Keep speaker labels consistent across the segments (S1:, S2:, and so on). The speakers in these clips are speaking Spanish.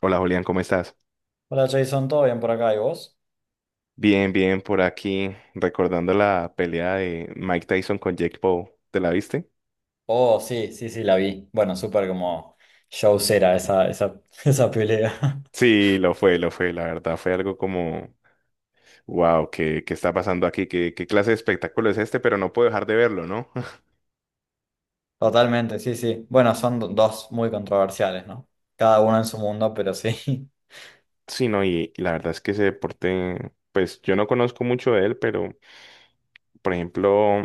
S1: Hola Julián, ¿cómo estás?
S2: Hola Jason, ¿todo bien por acá? ¿Y vos?
S1: Bien, bien, por aquí, recordando la pelea de Mike Tyson con Jake Paul. ¿Te la viste?
S2: Oh, sí, sí, sí, la vi. Bueno, súper como showcera esa pelea.
S1: Sí, lo fue, la verdad fue algo como, wow, ¿qué está pasando aquí? ¿Qué clase de espectáculo es este? Pero no puedo dejar de verlo, ¿no?
S2: Totalmente, sí, sí. Bueno, son dos muy controversiales, ¿no? Cada uno en su mundo, pero sí.
S1: Sí, no, y la verdad es que ese deporte, pues yo no conozco mucho de él, pero por ejemplo,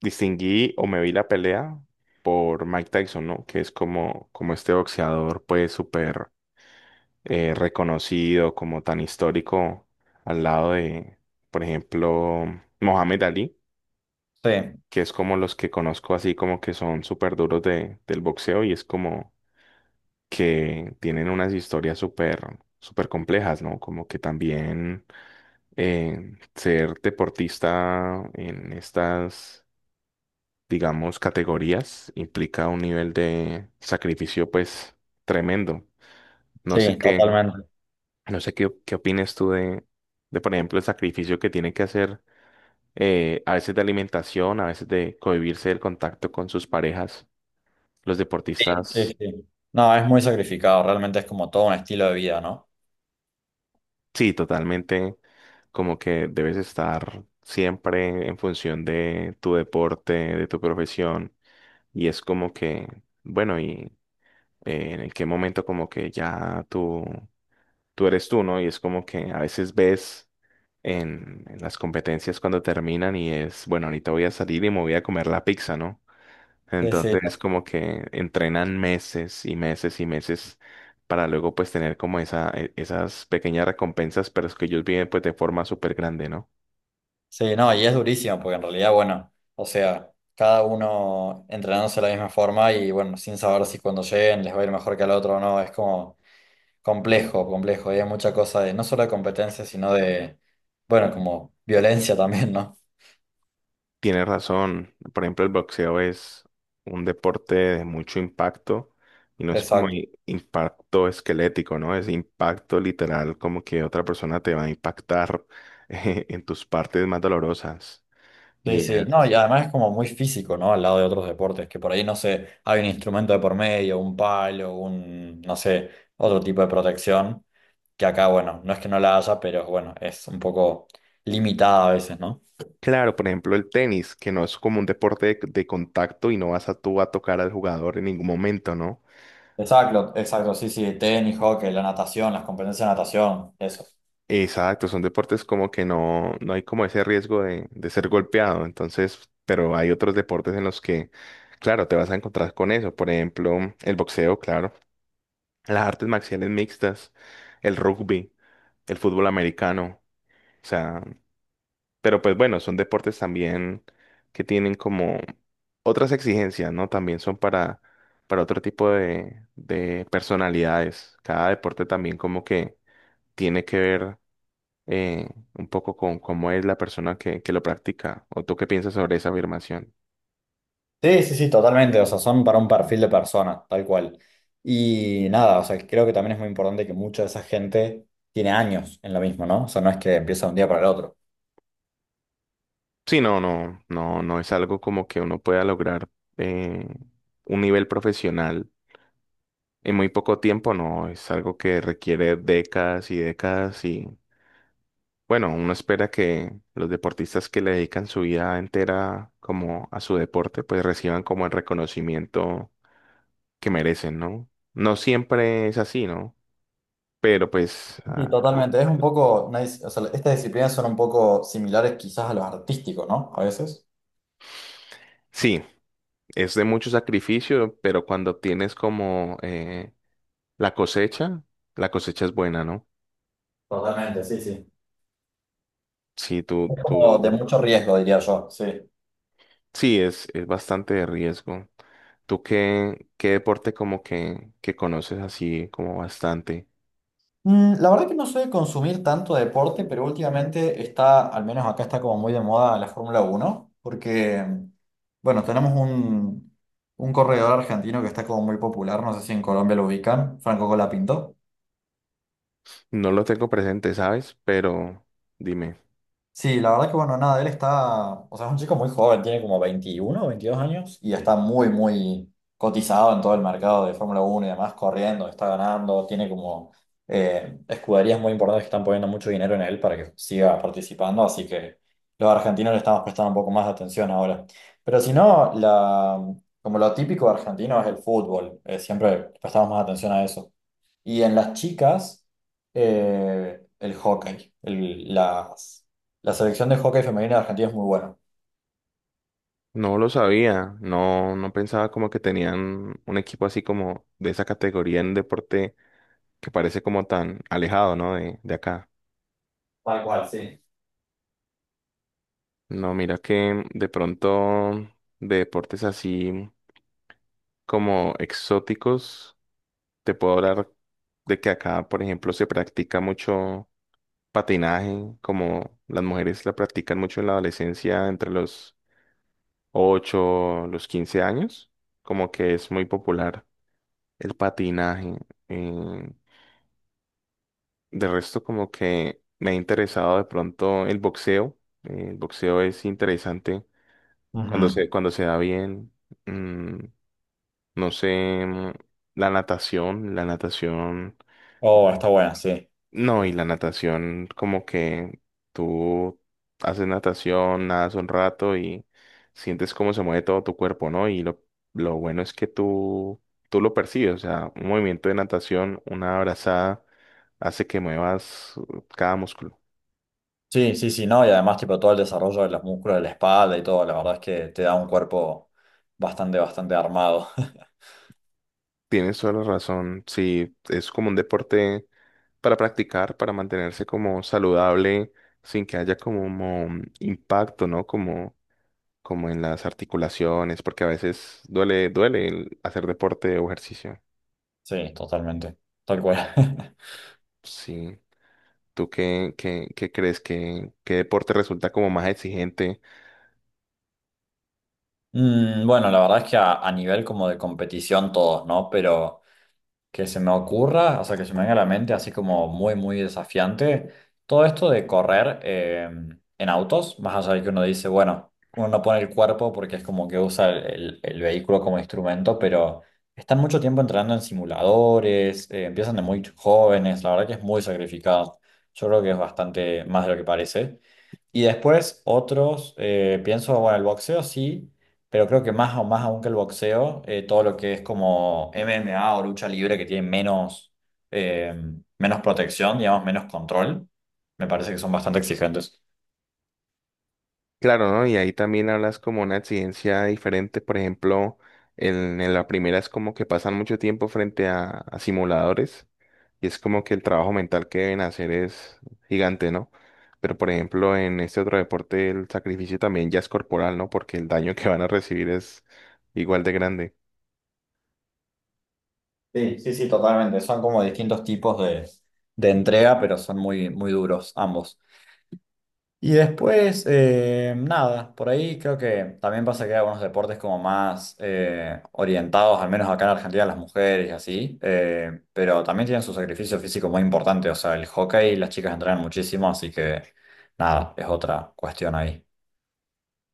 S1: distinguí o me vi la pelea por Mike Tyson, ¿no? Que es como, como este boxeador, pues súper reconocido, como tan histórico, al lado de, por ejemplo, Mohamed Ali,
S2: Sí,
S1: que es como los que conozco así como que son súper duros de, del boxeo y es como que tienen unas historias súper, súper complejas, ¿no? Como que también ser deportista en estas, digamos, categorías implica un nivel de sacrificio pues tremendo. No sé
S2: sí,
S1: qué.
S2: totalmente.
S1: No sé qué, qué opines tú de, por ejemplo, el sacrificio que tiene que hacer a veces de alimentación, a veces de cohibirse del contacto con sus parejas. Los
S2: Sí, sí,
S1: deportistas,
S2: sí. No, es muy sacrificado, realmente es como todo un estilo de vida, ¿no?
S1: sí, totalmente, como que debes estar siempre en función de tu deporte, de tu profesión. Y es como que, bueno, y en qué momento como que ya tú eres tú, ¿no? Y es como que a veces ves en las competencias cuando terminan y es, bueno, ahorita voy a salir y me voy a comer la pizza, ¿no?
S2: Sí, sí.
S1: Entonces es como que entrenan meses y meses y meses para luego pues tener como esa, esas pequeñas recompensas, pero es que ellos viven pues de forma súper grande, ¿no?
S2: Sí, no, y es durísimo porque en realidad, bueno, o sea, cada uno entrenándose de la misma forma y bueno, sin saber si cuando lleguen les va a ir mejor que al otro o no, es como complejo, complejo, y hay mucha cosa de no solo de competencia, sino de, bueno, como violencia también, ¿no?
S1: Tienes razón, por ejemplo, el boxeo es un deporte de mucho impacto y no es como
S2: Exacto.
S1: impacto esquelético, ¿no? Es impacto literal, como que otra persona te va a impactar en tus partes más dolorosas. Y
S2: Sí, sí, no, y
S1: es,
S2: además es como muy físico, ¿no? Al lado de otros deportes, que por ahí, no sé, hay un instrumento de por medio, un palo, un, no sé, otro tipo de protección, que acá, bueno, no es que no la haya, pero bueno, es un poco limitada a veces, ¿no?
S1: claro, por ejemplo, el tenis, que no es como un deporte de contacto y no vas a tú a tocar al jugador en ningún momento, ¿no?
S2: Exacto, exacto, sí, sí, tenis, hockey, la natación, las competencias de natación, eso.
S1: Exacto, son deportes como que no, no hay como ese riesgo de ser golpeado, entonces, pero hay otros deportes en los que, claro, te vas a encontrar con eso, por ejemplo, el boxeo, claro, las artes marciales mixtas, el rugby, el fútbol americano, o sea, pero pues bueno, son deportes también que tienen como otras exigencias, ¿no? También son para otro tipo de personalidades. Cada deporte también como que tiene que ver eh, un poco con cómo es la persona que lo practica. ¿O tú qué piensas sobre esa afirmación?
S2: Sí, sí, sí, totalmente, o sea, son para un perfil de persona, tal cual. Y nada, o sea, creo que también es muy importante que mucha de esa gente tiene años en lo mismo, ¿no? O sea, no es que empieza de un día para el otro.
S1: Sí, no, no, no, no es algo como que uno pueda lograr eh, un nivel profesional en muy poco tiempo, no, es algo que requiere décadas y décadas y bueno, uno espera que los deportistas que le dedican su vida entera como a su deporte, pues reciban como el reconocimiento que merecen, ¿no? No siempre es así, ¿no? Pero pues
S2: Sí,
S1: ah,
S2: totalmente. Es un poco, una o sea, estas disciplinas son un poco similares quizás a lo artístico, ¿no? A veces.
S1: sí, es de mucho sacrificio, pero cuando tienes como la cosecha, la cosecha es buena, ¿no?
S2: Totalmente, sí, sí.
S1: Sí, tú,
S2: Es como de
S1: tú,
S2: mucho riesgo, diría yo, sí.
S1: sí, es bastante de riesgo. ¿Tú qué, qué deporte como que conoces así como bastante?
S2: Mm, la verdad que no soy de consumir tanto deporte, pero últimamente está, al menos acá está como muy de moda la Fórmula Uno, porque, bueno, tenemos un corredor argentino que está como muy popular, no sé si en Colombia lo ubican, Franco Colapinto.
S1: No lo tengo presente, ¿sabes? Pero dime,
S2: Sí, la verdad que bueno, nada, él está, o sea, es un chico muy joven, tiene como 21 o 22 años y está muy, muy cotizado en todo el mercado de Fórmula Uno y demás, corriendo, está ganando, tiene como escuderías muy importantes que están poniendo mucho dinero en él para que siga participando, así que los argentinos le estamos prestando un poco más de atención ahora. Pero si no, como lo típico argentino es el fútbol, siempre prestamos más atención a eso. Y en las chicas, el hockey. La selección de hockey femenina de Argentina es muy buena.
S1: no lo sabía, no, no pensaba como que tenían un equipo así como de esa categoría en deporte que parece como tan alejado, ¿no? De acá.
S2: Tal cual, sí.
S1: No, mira que de pronto de deportes así como exóticos, te puedo hablar de que acá, por ejemplo, se practica mucho patinaje, como las mujeres la practican mucho en la adolescencia entre los 8 los 15 años, como que es muy popular el patinaje. eh, de resto, como que me ha interesado de pronto el boxeo. El boxeo es interesante
S2: Ujú.
S1: cuando se da bien. Mm, no sé, mm, la natación, la natación.
S2: Oh, está buena, sí.
S1: No, y la natación, como que tú haces natación, nadas un rato y sientes cómo se mueve todo tu cuerpo, ¿no? Y lo bueno es que tú lo percibes, o sea, un movimiento de natación, una abrazada, hace que muevas cada músculo.
S2: Sí, sí, sí, no, y además tipo todo el desarrollo de los músculos de la espalda y todo, la verdad es que te da un cuerpo bastante, bastante armado.
S1: Tienes toda la razón, sí, es como un deporte para practicar, para mantenerse como saludable, sin que haya como un impacto, ¿no? Como como en las articulaciones, porque a veces duele, duele el hacer deporte o ejercicio.
S2: Sí, totalmente, tal cual.
S1: Sí. ¿Tú qué, qué, qué crees? ¿Qué, qué deporte resulta como más exigente?
S2: Mm, bueno, la verdad es que a nivel como de competición todos, ¿no? Pero que se me ocurra, o sea, que se me venga a la mente así como muy, muy desafiante, todo esto de correr en autos, más allá de que uno dice, bueno, uno no pone el cuerpo porque es como que usa el vehículo como instrumento, pero están mucho tiempo entrenando en simuladores, empiezan de muy jóvenes, la verdad que es muy sacrificado. Yo creo que es bastante más de lo que parece. Y después otros, pienso, bueno, el boxeo sí, pero creo que más, o más aún que el boxeo, todo lo que es como MMA o lucha libre que tiene menos, eh, menos protección, digamos, menos control, me parece que son bastante exigentes.
S1: Claro, ¿no? Y ahí también hablas como una exigencia diferente. Por ejemplo, en la primera es como que pasan mucho tiempo frente a simuladores y es como que el trabajo mental que deben hacer es gigante, ¿no? Pero por ejemplo, en este otro deporte el sacrificio también ya es corporal, ¿no? Porque el daño que van a recibir es igual de grande.
S2: Sí, sí, sí, totalmente. Son como distintos tipos de, entrega, pero son muy, muy duros ambos. Y después, nada, por ahí creo que también pasa que hay algunos deportes como más orientados, al menos acá en Argentina, a las mujeres y así, pero también tienen su sacrificio físico muy importante, o sea, el hockey las chicas entrenan muchísimo, así que nada, es otra cuestión ahí.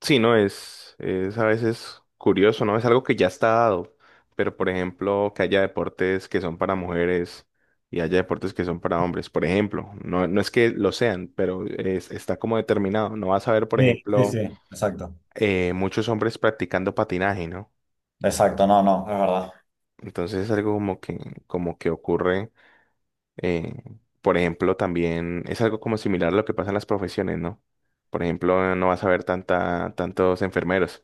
S1: Sí, no, es a veces curioso, ¿no? Es algo que ya está dado, pero por ejemplo, que haya deportes que son para mujeres y haya deportes que son para hombres, por ejemplo, no, no es que lo sean, pero está como determinado. No vas a ver, por
S2: Sí, sí, sí,
S1: ejemplo,
S2: exacto.
S1: muchos hombres practicando patinaje, ¿no?
S2: Exacto, no, no, es verdad.
S1: Entonces es algo como que ocurre, eh, por ejemplo, también es algo como similar a lo que pasa en las profesiones, ¿no? Por ejemplo, no vas a ver tanta, tantos enfermeros,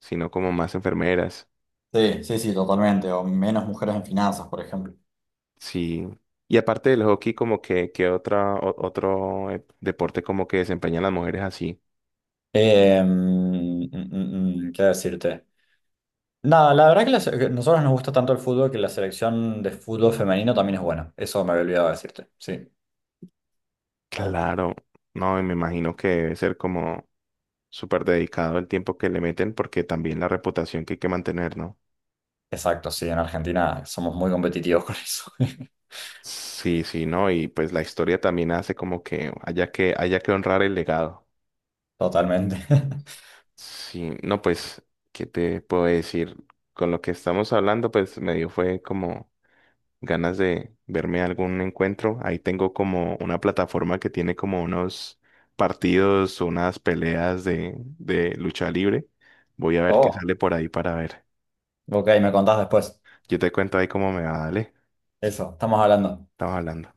S1: sino como más enfermeras.
S2: Sí, sí, sí, totalmente, o menos mujeres en finanzas, por ejemplo.
S1: Sí. Y aparte del hockey, como que otra, otro deporte como que desempeñan las mujeres así.
S2: ¿Qué decirte? Nada, la verdad que la que nosotros nos gusta tanto el fútbol que la selección de fútbol femenino también es buena. Eso me había olvidado decirte. Sí,
S1: Claro. No, y me imagino que debe ser como súper dedicado el tiempo que le meten, porque también la reputación que hay que mantener, ¿no?
S2: exacto, sí, en Argentina somos muy competitivos con eso.
S1: Sí, sí, ¿no? Y pues la historia también hace como que haya que, haya que honrar el legado.
S2: Totalmente.
S1: Sí, no, pues, ¿qué te puedo decir? Con lo que estamos hablando, pues medio fue como ganas de verme algún encuentro. Ahí tengo como una plataforma que tiene como unos partidos, unas peleas de lucha libre. Voy a ver qué
S2: Oh,
S1: sale por ahí para ver.
S2: ok, me contás después.
S1: Yo te cuento ahí cómo me va, dale.
S2: Eso, estamos hablando.
S1: Estamos hablando.